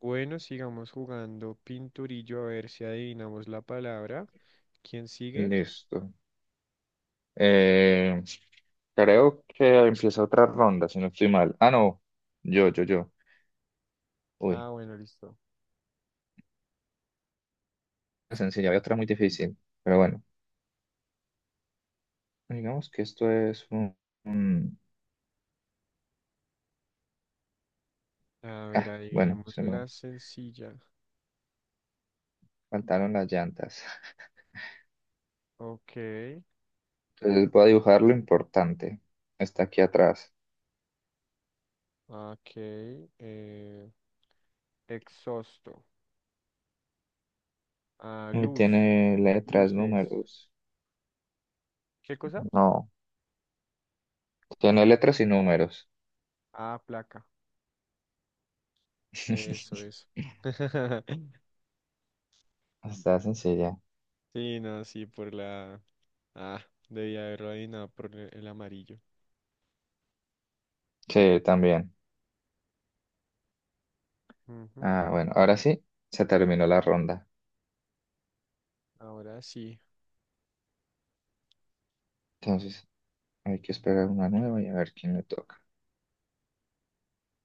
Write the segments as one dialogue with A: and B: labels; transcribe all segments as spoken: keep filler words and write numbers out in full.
A: Bueno, sigamos jugando pinturillo a ver si adivinamos la palabra. ¿Quién sigue?
B: Listo. Eh, Creo que empieza otra ronda, si no estoy mal. Ah, no. Yo, yo, yo. Uy,
A: Ah, bueno, listo.
B: la sencilla, había otra muy difícil. Pero bueno, digamos que esto es un... un-
A: A ver,
B: Ah, bueno,
A: adivinemos
B: se me
A: la sencilla.
B: faltaron las llantas.
A: Ok,
B: Entonces voy a dibujar lo importante. Está aquí atrás.
A: ok. eh, Exhausto. Ah,
B: Y
A: luz,
B: tiene letras,
A: luces.
B: números.
A: ¿Qué cosa?
B: No, tiene letras y números.
A: Ah, placa. Eso, eso.
B: Está sencilla.
A: Sí, no, sí, por la... Ah, debía haberlo adivinado por el el amarillo.
B: Sí, también.
A: Ujú.
B: Ah, bueno, ahora sí, se terminó la ronda.
A: Ahora sí.
B: Entonces hay que esperar una nueva y a ver quién le toca.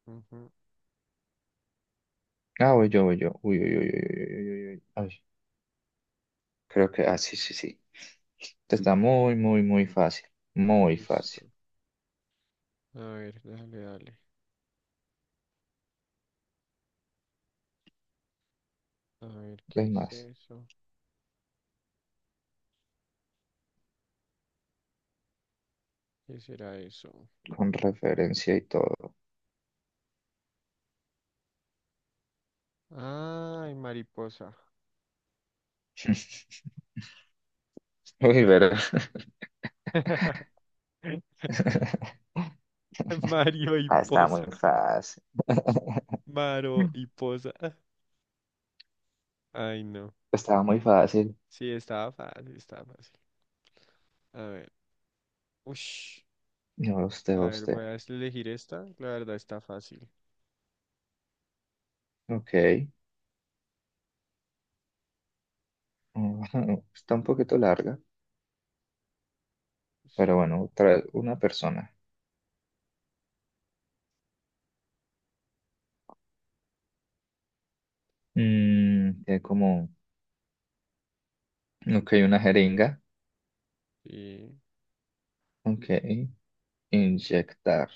A: Ujú.
B: Ah, voy yo, voy yo. Uy, uy, uy, uy, uy, uy, uy, uy. Uy. Ay, creo que, ah, sí, sí, sí. Esta Está muy, muy, muy fácil. Muy fácil.
A: Listo. A ver, dale, dale. A ver, ¿qué
B: Es
A: es
B: más,
A: eso? ¿Qué será eso?
B: con referencia y todo.
A: Ay, mariposa.
B: Uy, verdad.
A: Mario y
B: Ah, estaba
A: posa.
B: muy fácil.
A: Maro
B: Mm.
A: y posa. Ay, no.
B: Estaba muy fácil.
A: Sí, estaba fácil, estaba fácil. A ver. Ush.
B: No, usted,
A: A ver,
B: usted.
A: voy a elegir esta. La verdad está fácil.
B: Ok. Está un poquito larga, pero
A: Sí,
B: bueno, otra, una persona. Mm, tiene como Ok, una jeringa.
A: sí.
B: Ok, inyectar.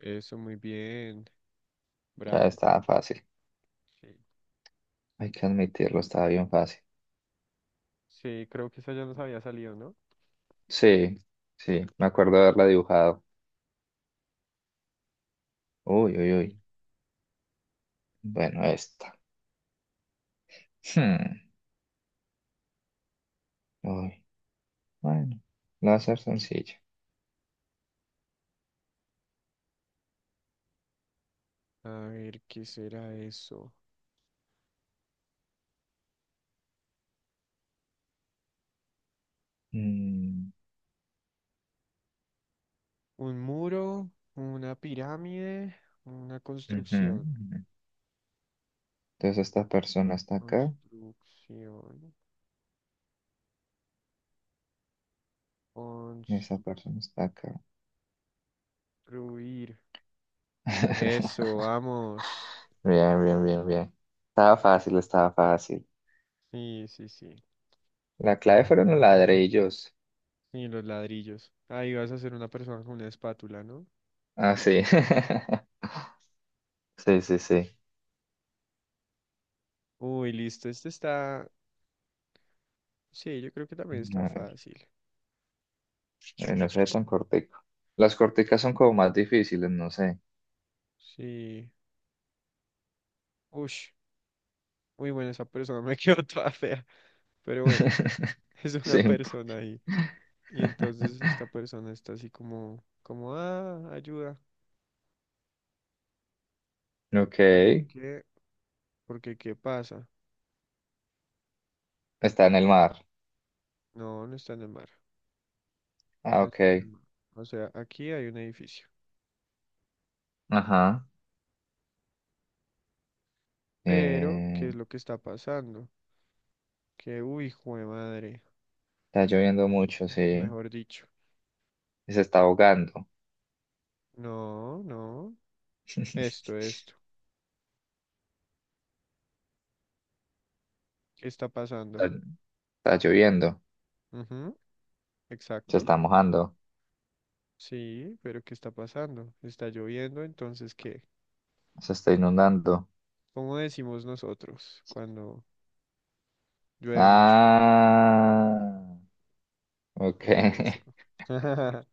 A: Eso, muy bien.
B: Ya
A: Bravo.
B: estaba fácil.
A: Sí.
B: Hay que admitirlo, estaba bien fácil.
A: Sí, creo que esa ya nos había salido, ¿no?
B: Sí, sí, me acuerdo de haberla dibujado. Uy, uy, uy.
A: Sí.
B: Bueno, esta. Hmm, Uy, bueno, la va a ser sencilla.
A: A ver, ¿qué será eso?
B: Mm,
A: Un muro, una pirámide, una
B: ujú,
A: construcción.
B: ujú. Entonces esta persona está acá
A: Construcción.
B: y
A: Construir.
B: esa persona está acá.
A: Eso, vamos.
B: Bien, bien, bien, bien. Estaba fácil, estaba fácil.
A: Sí, sí, sí.
B: La clave fueron los ladrillos.
A: Sí, los ladrillos. Ahí vas a hacer una persona con una espátula, ¿no?
B: Ah, sí. Sí, sí,
A: Uy, listo. Este está. Sí, yo creo que también está
B: sí.
A: fácil.
B: Eh, no sé tan cortico. Las corticas son como más difíciles, no sé.
A: Sí. Ush. Uy, bueno, esa persona me quedó toda fea. Pero bueno, es
B: Sí,
A: una
B: un po-
A: persona ahí. Y entonces esta persona está así como, como, ah, ayuda.
B: Ok.
A: ¿Por qué? Porque ¿qué pasa?
B: Está en el mar.
A: No, no está en el mar.
B: Ah,
A: No
B: ok.
A: está en el mar. O sea, aquí hay un edificio.
B: Ajá.
A: Pero, ¿qué
B: Eh,
A: es lo que está pasando? Que, uy, hijo de madre.
B: Está lloviendo mucho, sí.
A: Mejor dicho.
B: Se está ahogando.
A: No, no. Esto, esto. ¿Qué está
B: Está,
A: pasando?
B: Está lloviendo.
A: Ujú,
B: Se
A: exacto.
B: está mojando.
A: Sí, pero ¿qué está pasando? Está lloviendo, entonces, ¿qué?
B: Se está inundando.
A: ¿Cómo decimos nosotros cuando llueve mucho?
B: Ah. Ok.
A: Eso.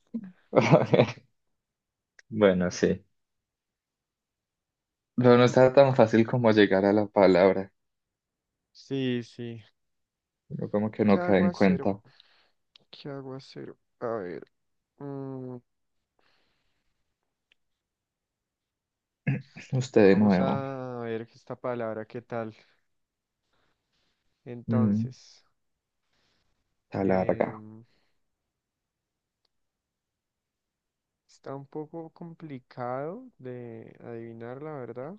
B: Bueno, sí. Pero no está tan fácil como llegar a la palabra.
A: Sí, sí.
B: Pero como que
A: ¿Qué
B: no cae en
A: aguacero?
B: cuenta.
A: ¿Qué aguacero? A ver. Mm,
B: Usted de
A: vamos
B: nuevo.
A: a ver esta palabra, ¿qué tal?
B: Mm,
A: Entonces,
B: Está larga.
A: em, está un poco complicado de adivinar, la verdad,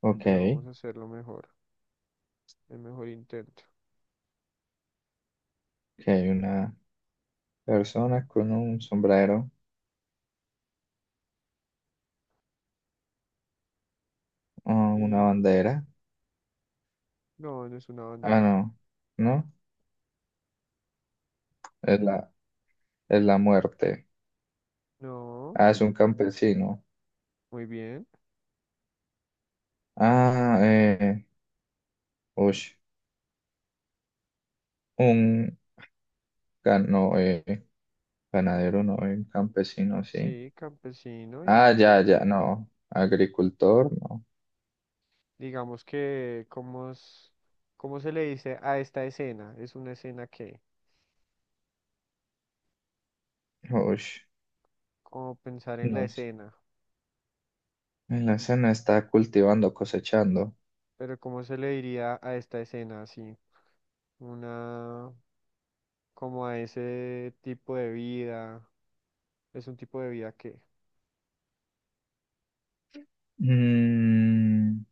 B: Ok.
A: pero
B: Que
A: vamos a hacerlo mejor, el mejor intento.
B: hay una persona con un sombrero o una
A: Y
B: bandera.
A: no, no es una
B: Ah,
A: bandera.
B: no. ¿No? Es la, es la muerte.
A: No,
B: Ah, es un campesino.
A: muy bien.
B: Ah, eh. ush, Un gan- no, eh, ganadero, no, eh, un campesino, sí.
A: Sí, campesino
B: Ah,
A: y
B: ya,
A: los,
B: ya, no. Agricultor, no.
A: digamos que, ¿cómo, es- ¿cómo se le dice a esta escena? Es una escena que,
B: Ush,
A: como pensar en la
B: no sé.
A: escena,
B: En la escena está cultivando, cosechando.
A: pero ¿cómo se le diría a esta escena así? Una como a ese tipo de vida, es un tipo de vida que,
B: Mm,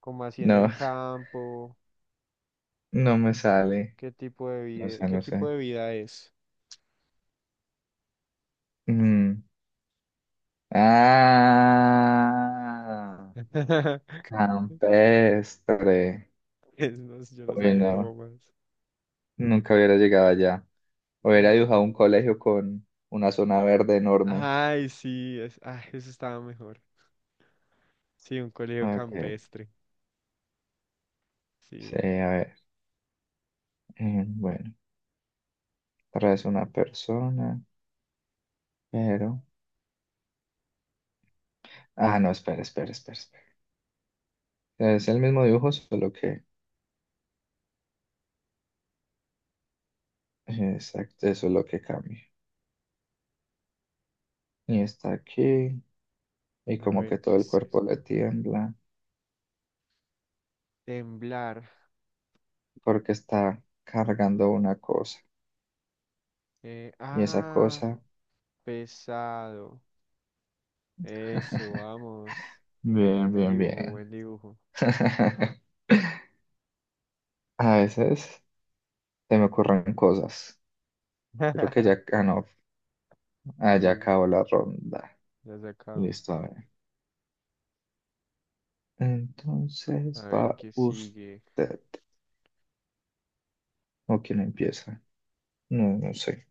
A: como así en el
B: no,
A: campo,
B: no me sale.
A: qué tipo de
B: No
A: vida,
B: sé,
A: qué
B: no
A: tipo
B: sé.
A: de vida es.
B: Mm, Ah, campestre.
A: Es, no sé, yo no
B: Uy,
A: sabía
B: no,
A: cómo más.
B: nunca hubiera llegado allá. Hubiera
A: Mm.
B: dibujado un colegio con una zona verde enorme.
A: Ay, sí, es, ay eso estaba mejor. Sí, un colegio
B: Ok,
A: campestre.
B: sí,
A: Sí.
B: a ver. Eh, bueno, traes una persona, pero... Ah, no, espera, espera, espera, espera. Es el mismo dibujo, solo que... Exacto, eso es lo que cambia. Y está aquí. Y
A: A
B: como que
A: ver,
B: todo
A: ¿qué
B: el
A: es eso?
B: cuerpo le tiembla
A: Temblar.
B: porque está cargando una cosa.
A: Eh,
B: Y esa
A: ah,
B: cosa,
A: pesado. Eso, vamos.
B: bien,
A: Buen
B: bien,
A: dibujo,
B: bien.
A: buen dibujo.
B: A veces se me ocurren cosas. Creo que ya, ah, no, ah, ya
A: Sí.
B: acabó la ronda.
A: Ya se acabó.
B: Listo, a ver.
A: A
B: Entonces
A: ver
B: va
A: qué sigue.
B: usted. ¿O quién empieza? No, no sé.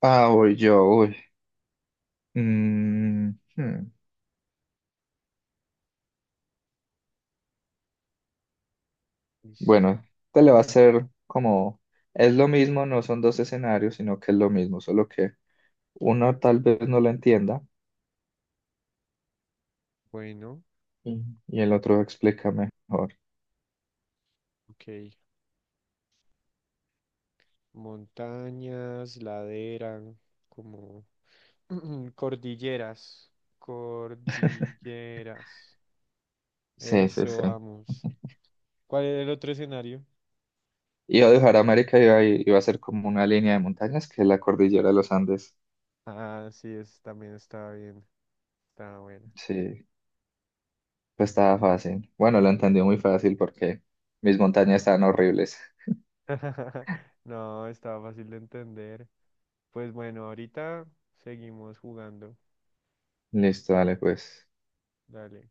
B: Ah, voy yo, uy. Mm, hmm.
A: Listo.
B: Bueno, te le va a ser como, es lo mismo, no son dos escenarios, sino que es lo mismo, solo que uno tal vez no lo entienda
A: Bueno,
B: y, y el otro explica mejor.
A: ok. Montañas, ladera, como cordilleras. Cordilleras.
B: Sí, sí,
A: Eso,
B: sí.
A: vamos. ¿Cuál era el otro escenario?
B: Iba a dejar América y iba, iba a ser como una línea de montañas que es la cordillera de los Andes.
A: Ah, sí, es, también estaba bien. Estaba buena.
B: Sí, pues estaba fácil. Bueno, lo entendió muy fácil porque mis montañas estaban horribles.
A: No, estaba fácil de entender. Pues bueno, ahorita seguimos jugando.
B: Listo, dale, pues.
A: Dale.